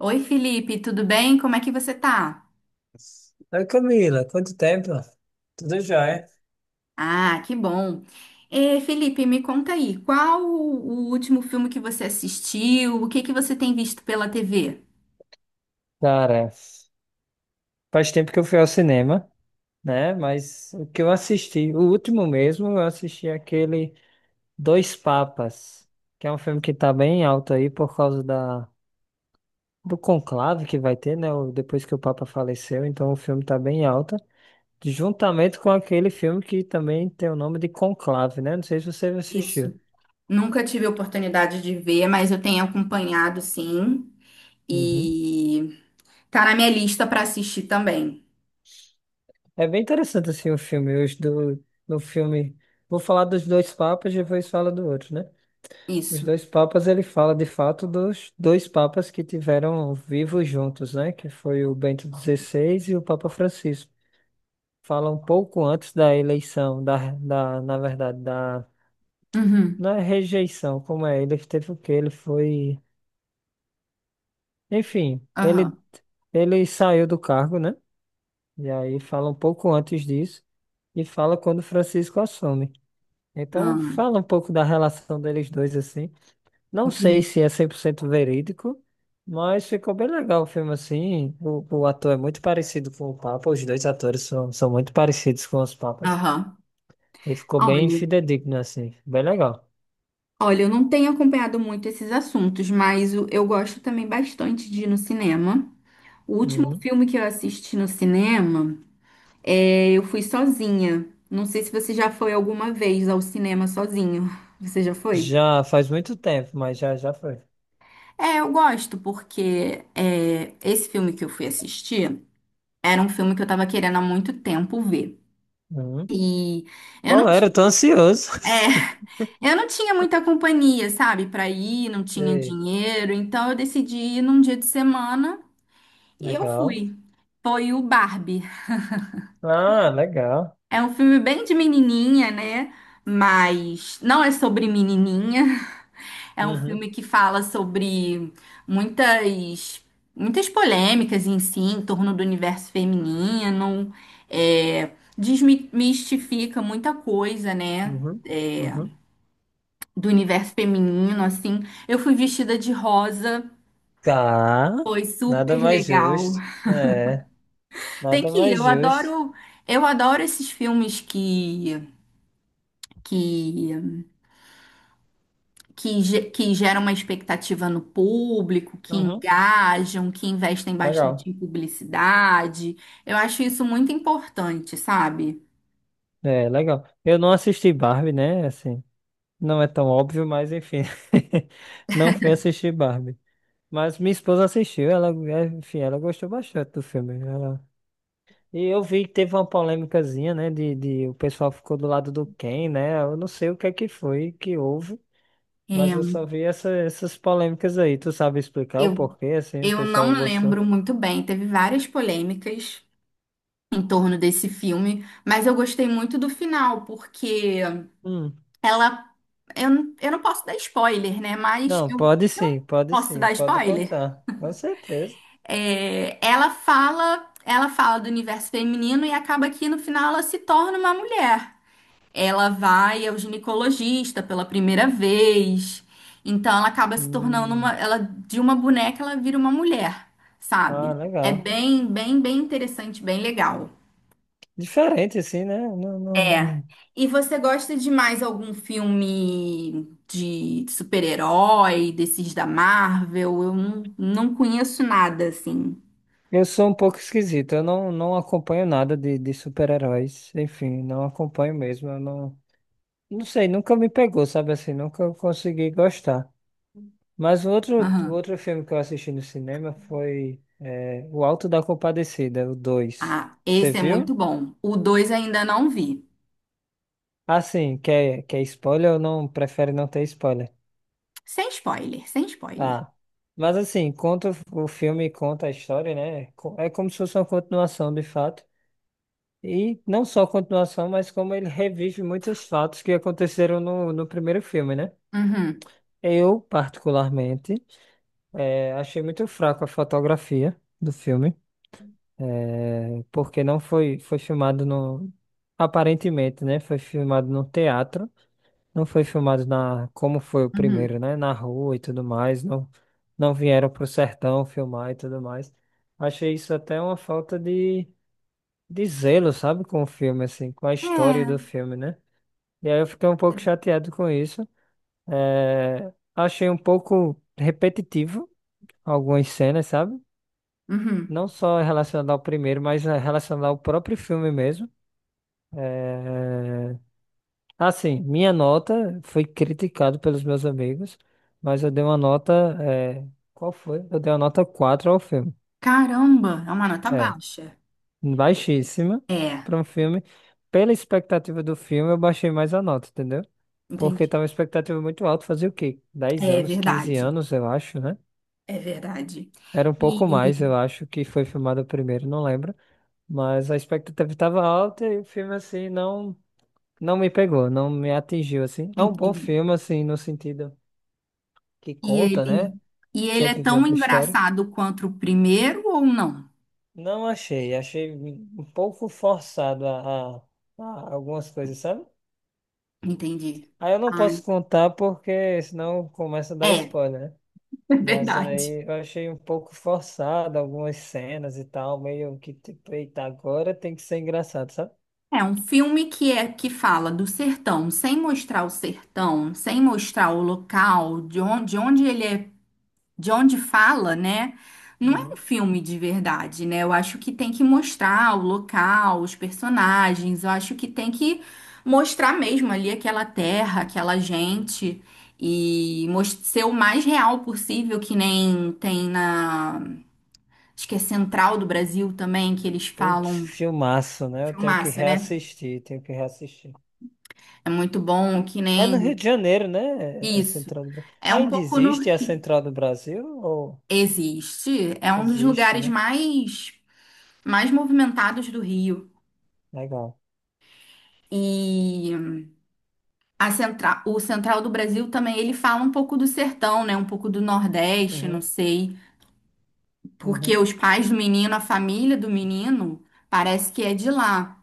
Oi, Felipe, tudo bem? Como é que você tá? Oi, Camila, quanto tempo? Tudo jóia? Ah, que bom. Felipe, me conta aí, qual o último filme que você assistiu? O que que você tem visto pela TV? Cara, faz tempo que eu fui ao cinema, né? Mas o que eu assisti, o último mesmo, eu assisti aquele Dois Papas, que é um filme que tá bem alto aí por causa do conclave que vai ter, né? Depois que o Papa faleceu, então o filme tá bem alta, juntamente com aquele filme que também tem o nome de Conclave, né? Não sei se você assistiu. Isso. Nunca tive a oportunidade de ver, mas eu tenho acompanhado, sim. Uhum. E tá na minha lista para assistir também. É bem interessante assim o filme. No filme, vou falar dos dois papas e depois fala do outro, né? Os Isso. dois papas, ele fala de fato dos dois papas que tiveram vivos juntos, né? Que foi o Bento XVI e o Papa Francisco. Fala um pouco antes da eleição, na verdade, Uhum. não é rejeição, como é? Ele teve o quê? Ele foi, enfim, ele, Aham. ele saiu do cargo, né? E aí fala um pouco antes disso e fala quando Francisco assume. Então, Ah, fala um pouco da relação deles dois, assim. Não sei entendi. se é 100% verídico, mas ficou bem legal o filme, assim. O ator é muito parecido com o Papa, os dois atores são muito parecidos com os Papas. Aham. E ficou bem Olha, fidedigno, assim. Bem legal. olha, eu não tenho acompanhado muito esses assuntos, mas eu gosto também bastante de ir no cinema. O último Uhum. filme que eu assisti no cinema, é, eu fui sozinha. Não sei se você já foi alguma vez ao cinema sozinho. Você já foi? Já faz muito tempo, mas já foi. É, eu gosto porque é, esse filme que eu fui assistir era um filme que eu tava querendo há muito tempo ver. Uhum. E eu não Qual era? tinha, Eu tô ansioso. é, eu não tinha muita companhia, sabe, pra ir, não tinha Ei, dinheiro, então eu decidi ir num dia de semana e eu legal. fui. Foi o Barbie. Ah, legal. É um filme bem de menininha, né? Mas não é sobre menininha. É um filme Uhum, que fala sobre muitas, muitas polêmicas em si, em torno do universo feminino. É, desmistifica muita coisa, né? uhum, É, uhum. do universo feminino, assim. Eu fui vestida de rosa. Tá, Foi nada super mais legal. justo. É. Tem Nada que ir. mais justo. Eu adoro esses filmes que, que que que geram uma expectativa no público, que Uhum, engajam, que investem bastante legal. em publicidade. Eu acho isso muito importante, sabe? É, legal. Eu não assisti Barbie, né? Assim, não é tão óbvio, mas enfim. Não fui assistir Barbie. Mas minha esposa assistiu, ela gostou bastante do filme. Ela... E eu vi que teve uma polêmicazinha, né? De O pessoal ficou do lado do Ken, né? Eu não sei o que é que foi, que houve, mas É, eu só vi essas polêmicas aí. Tu sabe explicar o eu, porquê, assim, o eu não pessoal gostou? lembro muito bem, teve várias polêmicas em torno desse filme, mas eu gostei muito do final, porque Hum. ela. Eu não posso dar spoiler, né? Mas Não, pode eu sim, pode posso sim, dar pode spoiler. contar. Com certeza. É, ela fala do universo feminino e acaba que no final ela se torna uma mulher. Ela vai ao ginecologista pela primeira vez. Então ela acaba se tornando uma, Hum, ela de uma boneca ela vira uma mulher, ah, sabe? É legal. bem, bem, bem interessante, bem legal. Diferente, assim, né? Não, não, É. não. E você gosta de mais algum filme de super-herói, desses da Marvel? Eu não, não conheço nada assim. Eu sou um pouco esquisito. Eu não, não acompanho nada de super-heróis. Enfim, não acompanho mesmo. Eu não, não sei, nunca me pegou, sabe assim? Nunca consegui gostar. Mas o Aham. outro filme que eu assisti no cinema foi é, O Alto da Compadecida, o dois. Ah, Você esse é muito viu? bom. O 2 ainda não vi. Assim, quer spoiler ou não? Prefere não ter spoiler? Sem spoiler, sem spoiler. Tá. Mas assim, conta o filme, conta a história, né? É como se fosse uma continuação, de fato. E não só continuação, mas como ele revive muitos fatos que aconteceram no primeiro filme, né? Uhum, Eu, particularmente, achei muito fraco a fotografia do filme, porque não foi, foi filmado no... Aparentemente, né? Foi filmado no teatro. Não foi filmado na, como foi o uhum. primeiro, né? Na rua e tudo mais. Não, não vieram pro sertão filmar e tudo mais. Achei isso até uma falta de zelo, sabe? Com o filme, assim, com a É, história do filme, né? E aí eu fiquei um pouco chateado com isso. É, achei um pouco repetitivo algumas cenas, sabe? uhum. Não só relacionado ao primeiro, mas relacionado ao próprio filme mesmo. É, assim, minha nota foi criticado pelos meus amigos, mas eu dei uma nota. Qual foi? Eu dei uma nota 4 ao filme. Caramba, é uma nota É, baixa. baixíssima É, para um filme. Pela expectativa do filme, eu baixei mais a nota, entendeu? Porque entendi. tava uma expectativa muito alta, fazia o quê? dez É anos, 15 verdade, anos, eu acho, né? é verdade. Era um pouco mais, E eu acho, que foi filmado o primeiro, não lembro. Mas a expectativa estava alta e o filme, assim, não, não me pegou, não me atingiu, assim. É um bom entendi. filme, assim, no sentido que E conta, ele, né? e ele é tão Revivendo a história. engraçado quanto o primeiro ou não? Não achei, achei um pouco forçado a algumas coisas, sabe? Entendi. Aí eu não Ah, posso contar porque senão começa a dar é, spoiler, né? é Mas verdade. aí eu achei um pouco forçado algumas cenas e tal, meio que tipo, eita, agora tem que ser engraçado, sabe? É um filme que é que fala do sertão, sem mostrar o sertão, sem mostrar o local, de onde ele é, de onde fala, né? Não é um Uhum. filme de verdade, né? Eu acho que tem que mostrar o local, os personagens, eu acho que tem que mostrar mesmo ali aquela terra, aquela gente e ser o mais real possível, que nem tem na, acho que é Central do Brasil também, que eles Putz, falam filmaço, né? Eu tenho que filmaço, né? reassistir, tenho que reassistir. É muito bom, que É no Rio nem de Janeiro, né? É é isso. Central do Brasil. É um Ainda pouco no. existe a Central do Brasil? Ou existe. É um dos existe, lugares né? mais, mais movimentados do Rio. Legal. E a central, o central do Brasil também, ele fala um pouco do sertão, né? Um pouco do Nordeste, não Uhum, sei. Porque uhum. os pais do menino, a família do menino, parece que é de lá.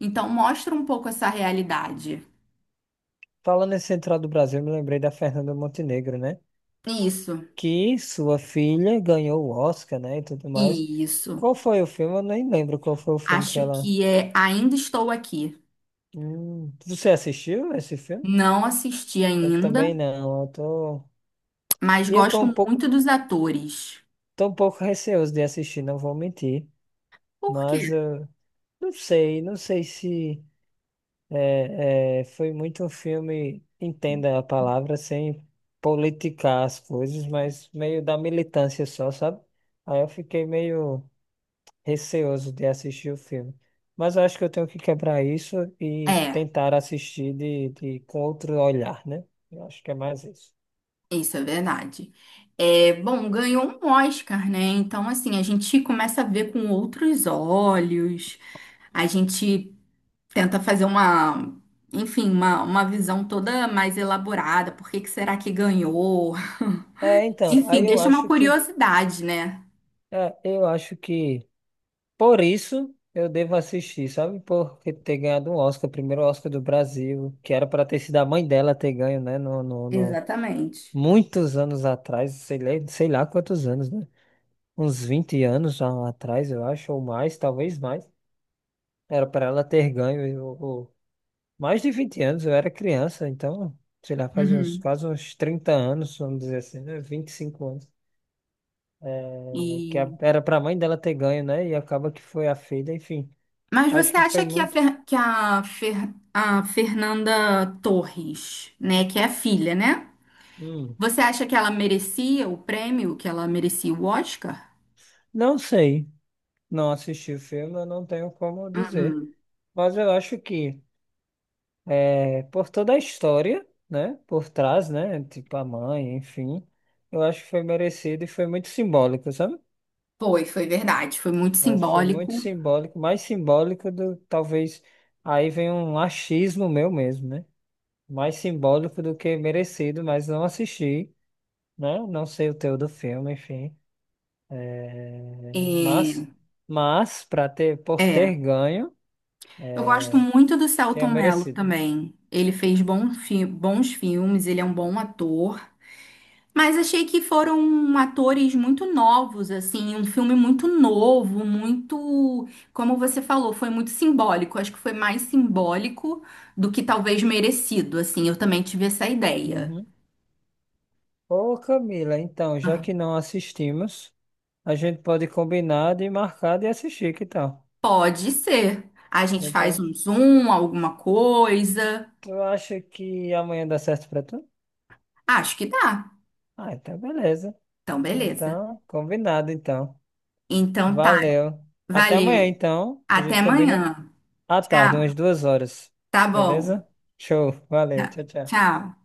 Então mostra um pouco essa realidade. Falando em Central do Brasil, eu me lembrei da Fernanda Montenegro, né? Isso, Que sua filha ganhou o Oscar, né? E tudo mais. isso. Qual foi o filme? Eu nem lembro qual foi o filme que Acho ela. que é Ainda Estou Aqui. Você assistiu esse filme? Não assisti Eu ainda, também não. Eu tô... mas E eu gosto muito dos atores. tô um pouco receoso de assistir, não vou mentir. Por Mas quê? eu não sei, não sei se. É, é, foi muito um filme, entenda a palavra, sem politicar as coisas, mas meio da militância só, sabe? Aí eu fiquei meio receoso de assistir o filme. Mas eu acho que eu tenho que quebrar isso e É, tentar assistir com outro olhar, né? Eu acho que é mais isso. isso é verdade. É, bom, ganhou um Oscar, né? Então, assim, a gente começa a ver com outros olhos, a gente tenta fazer uma, enfim, uma visão toda mais elaborada. Por que que será que ganhou? É, então, Enfim, aí eu deixa uma acho que, curiosidade, né? é, eu acho que por isso eu devo assistir, sabe? Por ter ganhado um Oscar, o primeiro Oscar do Brasil, que era para ter sido a mãe dela ter ganho, né? Exatamente. Muitos anos atrás, sei lá quantos anos, né? Uns 20 anos já atrás, eu acho, ou mais, talvez mais. Era para ela ter ganho. Mais de 20 anos, eu era criança, então, sei lá, faz uns Uhum. quase uns 30 anos, vamos dizer assim, né? 25 anos. Né? Que E era para a mãe dela ter ganho, né? E acaba que foi a filha, enfim. mas Acho você que foi acha que muito. A Fernanda Torres, né, que é a filha, né? Uhum. Você acha que ela merecia o prêmio, que ela merecia o Oscar? Não sei, não assisti o filme, eu não tenho como dizer. Uhum. Mas eu acho que é, por toda a história, né, por trás, né, tipo a mãe, enfim, eu acho que foi merecido e foi muito simbólico, sabe? Foi, foi verdade. Foi muito Eu acho que foi muito simbólico. simbólico, mais simbólico do, talvez, aí vem um achismo meu mesmo, né? Mais simbólico do que merecido, mas não assisti, né? Não sei o teu do filme, enfim. eh, Mas, É, mas para ter, por ter é. ganho, Eu gosto muito do tenha Selton Mello merecido. também. Ele fez bons filmes, ele é um bom ator. Mas achei que foram atores muito novos, assim, um filme muito novo, muito, como você falou, foi muito simbólico. Acho que foi mais simbólico do que talvez merecido, assim. Eu também tive essa ideia. Uhum. Ô Camila, então, já Ah, que não assistimos, a gente pode combinar de marcar de assistir, que tal? pode ser. A gente faz Então, um zoom, alguma coisa. tu acha que amanhã dá certo pra tu? Acho que dá. Ah, então beleza. Então, beleza. Então, combinado então. Então tá. Valeu. Até amanhã Valeu. então, a Até gente combina amanhã. à tarde, umas Tchau. 2 horas. Tá bom. Beleza? Show. Tá. Valeu. Tchau, tchau. Tchau.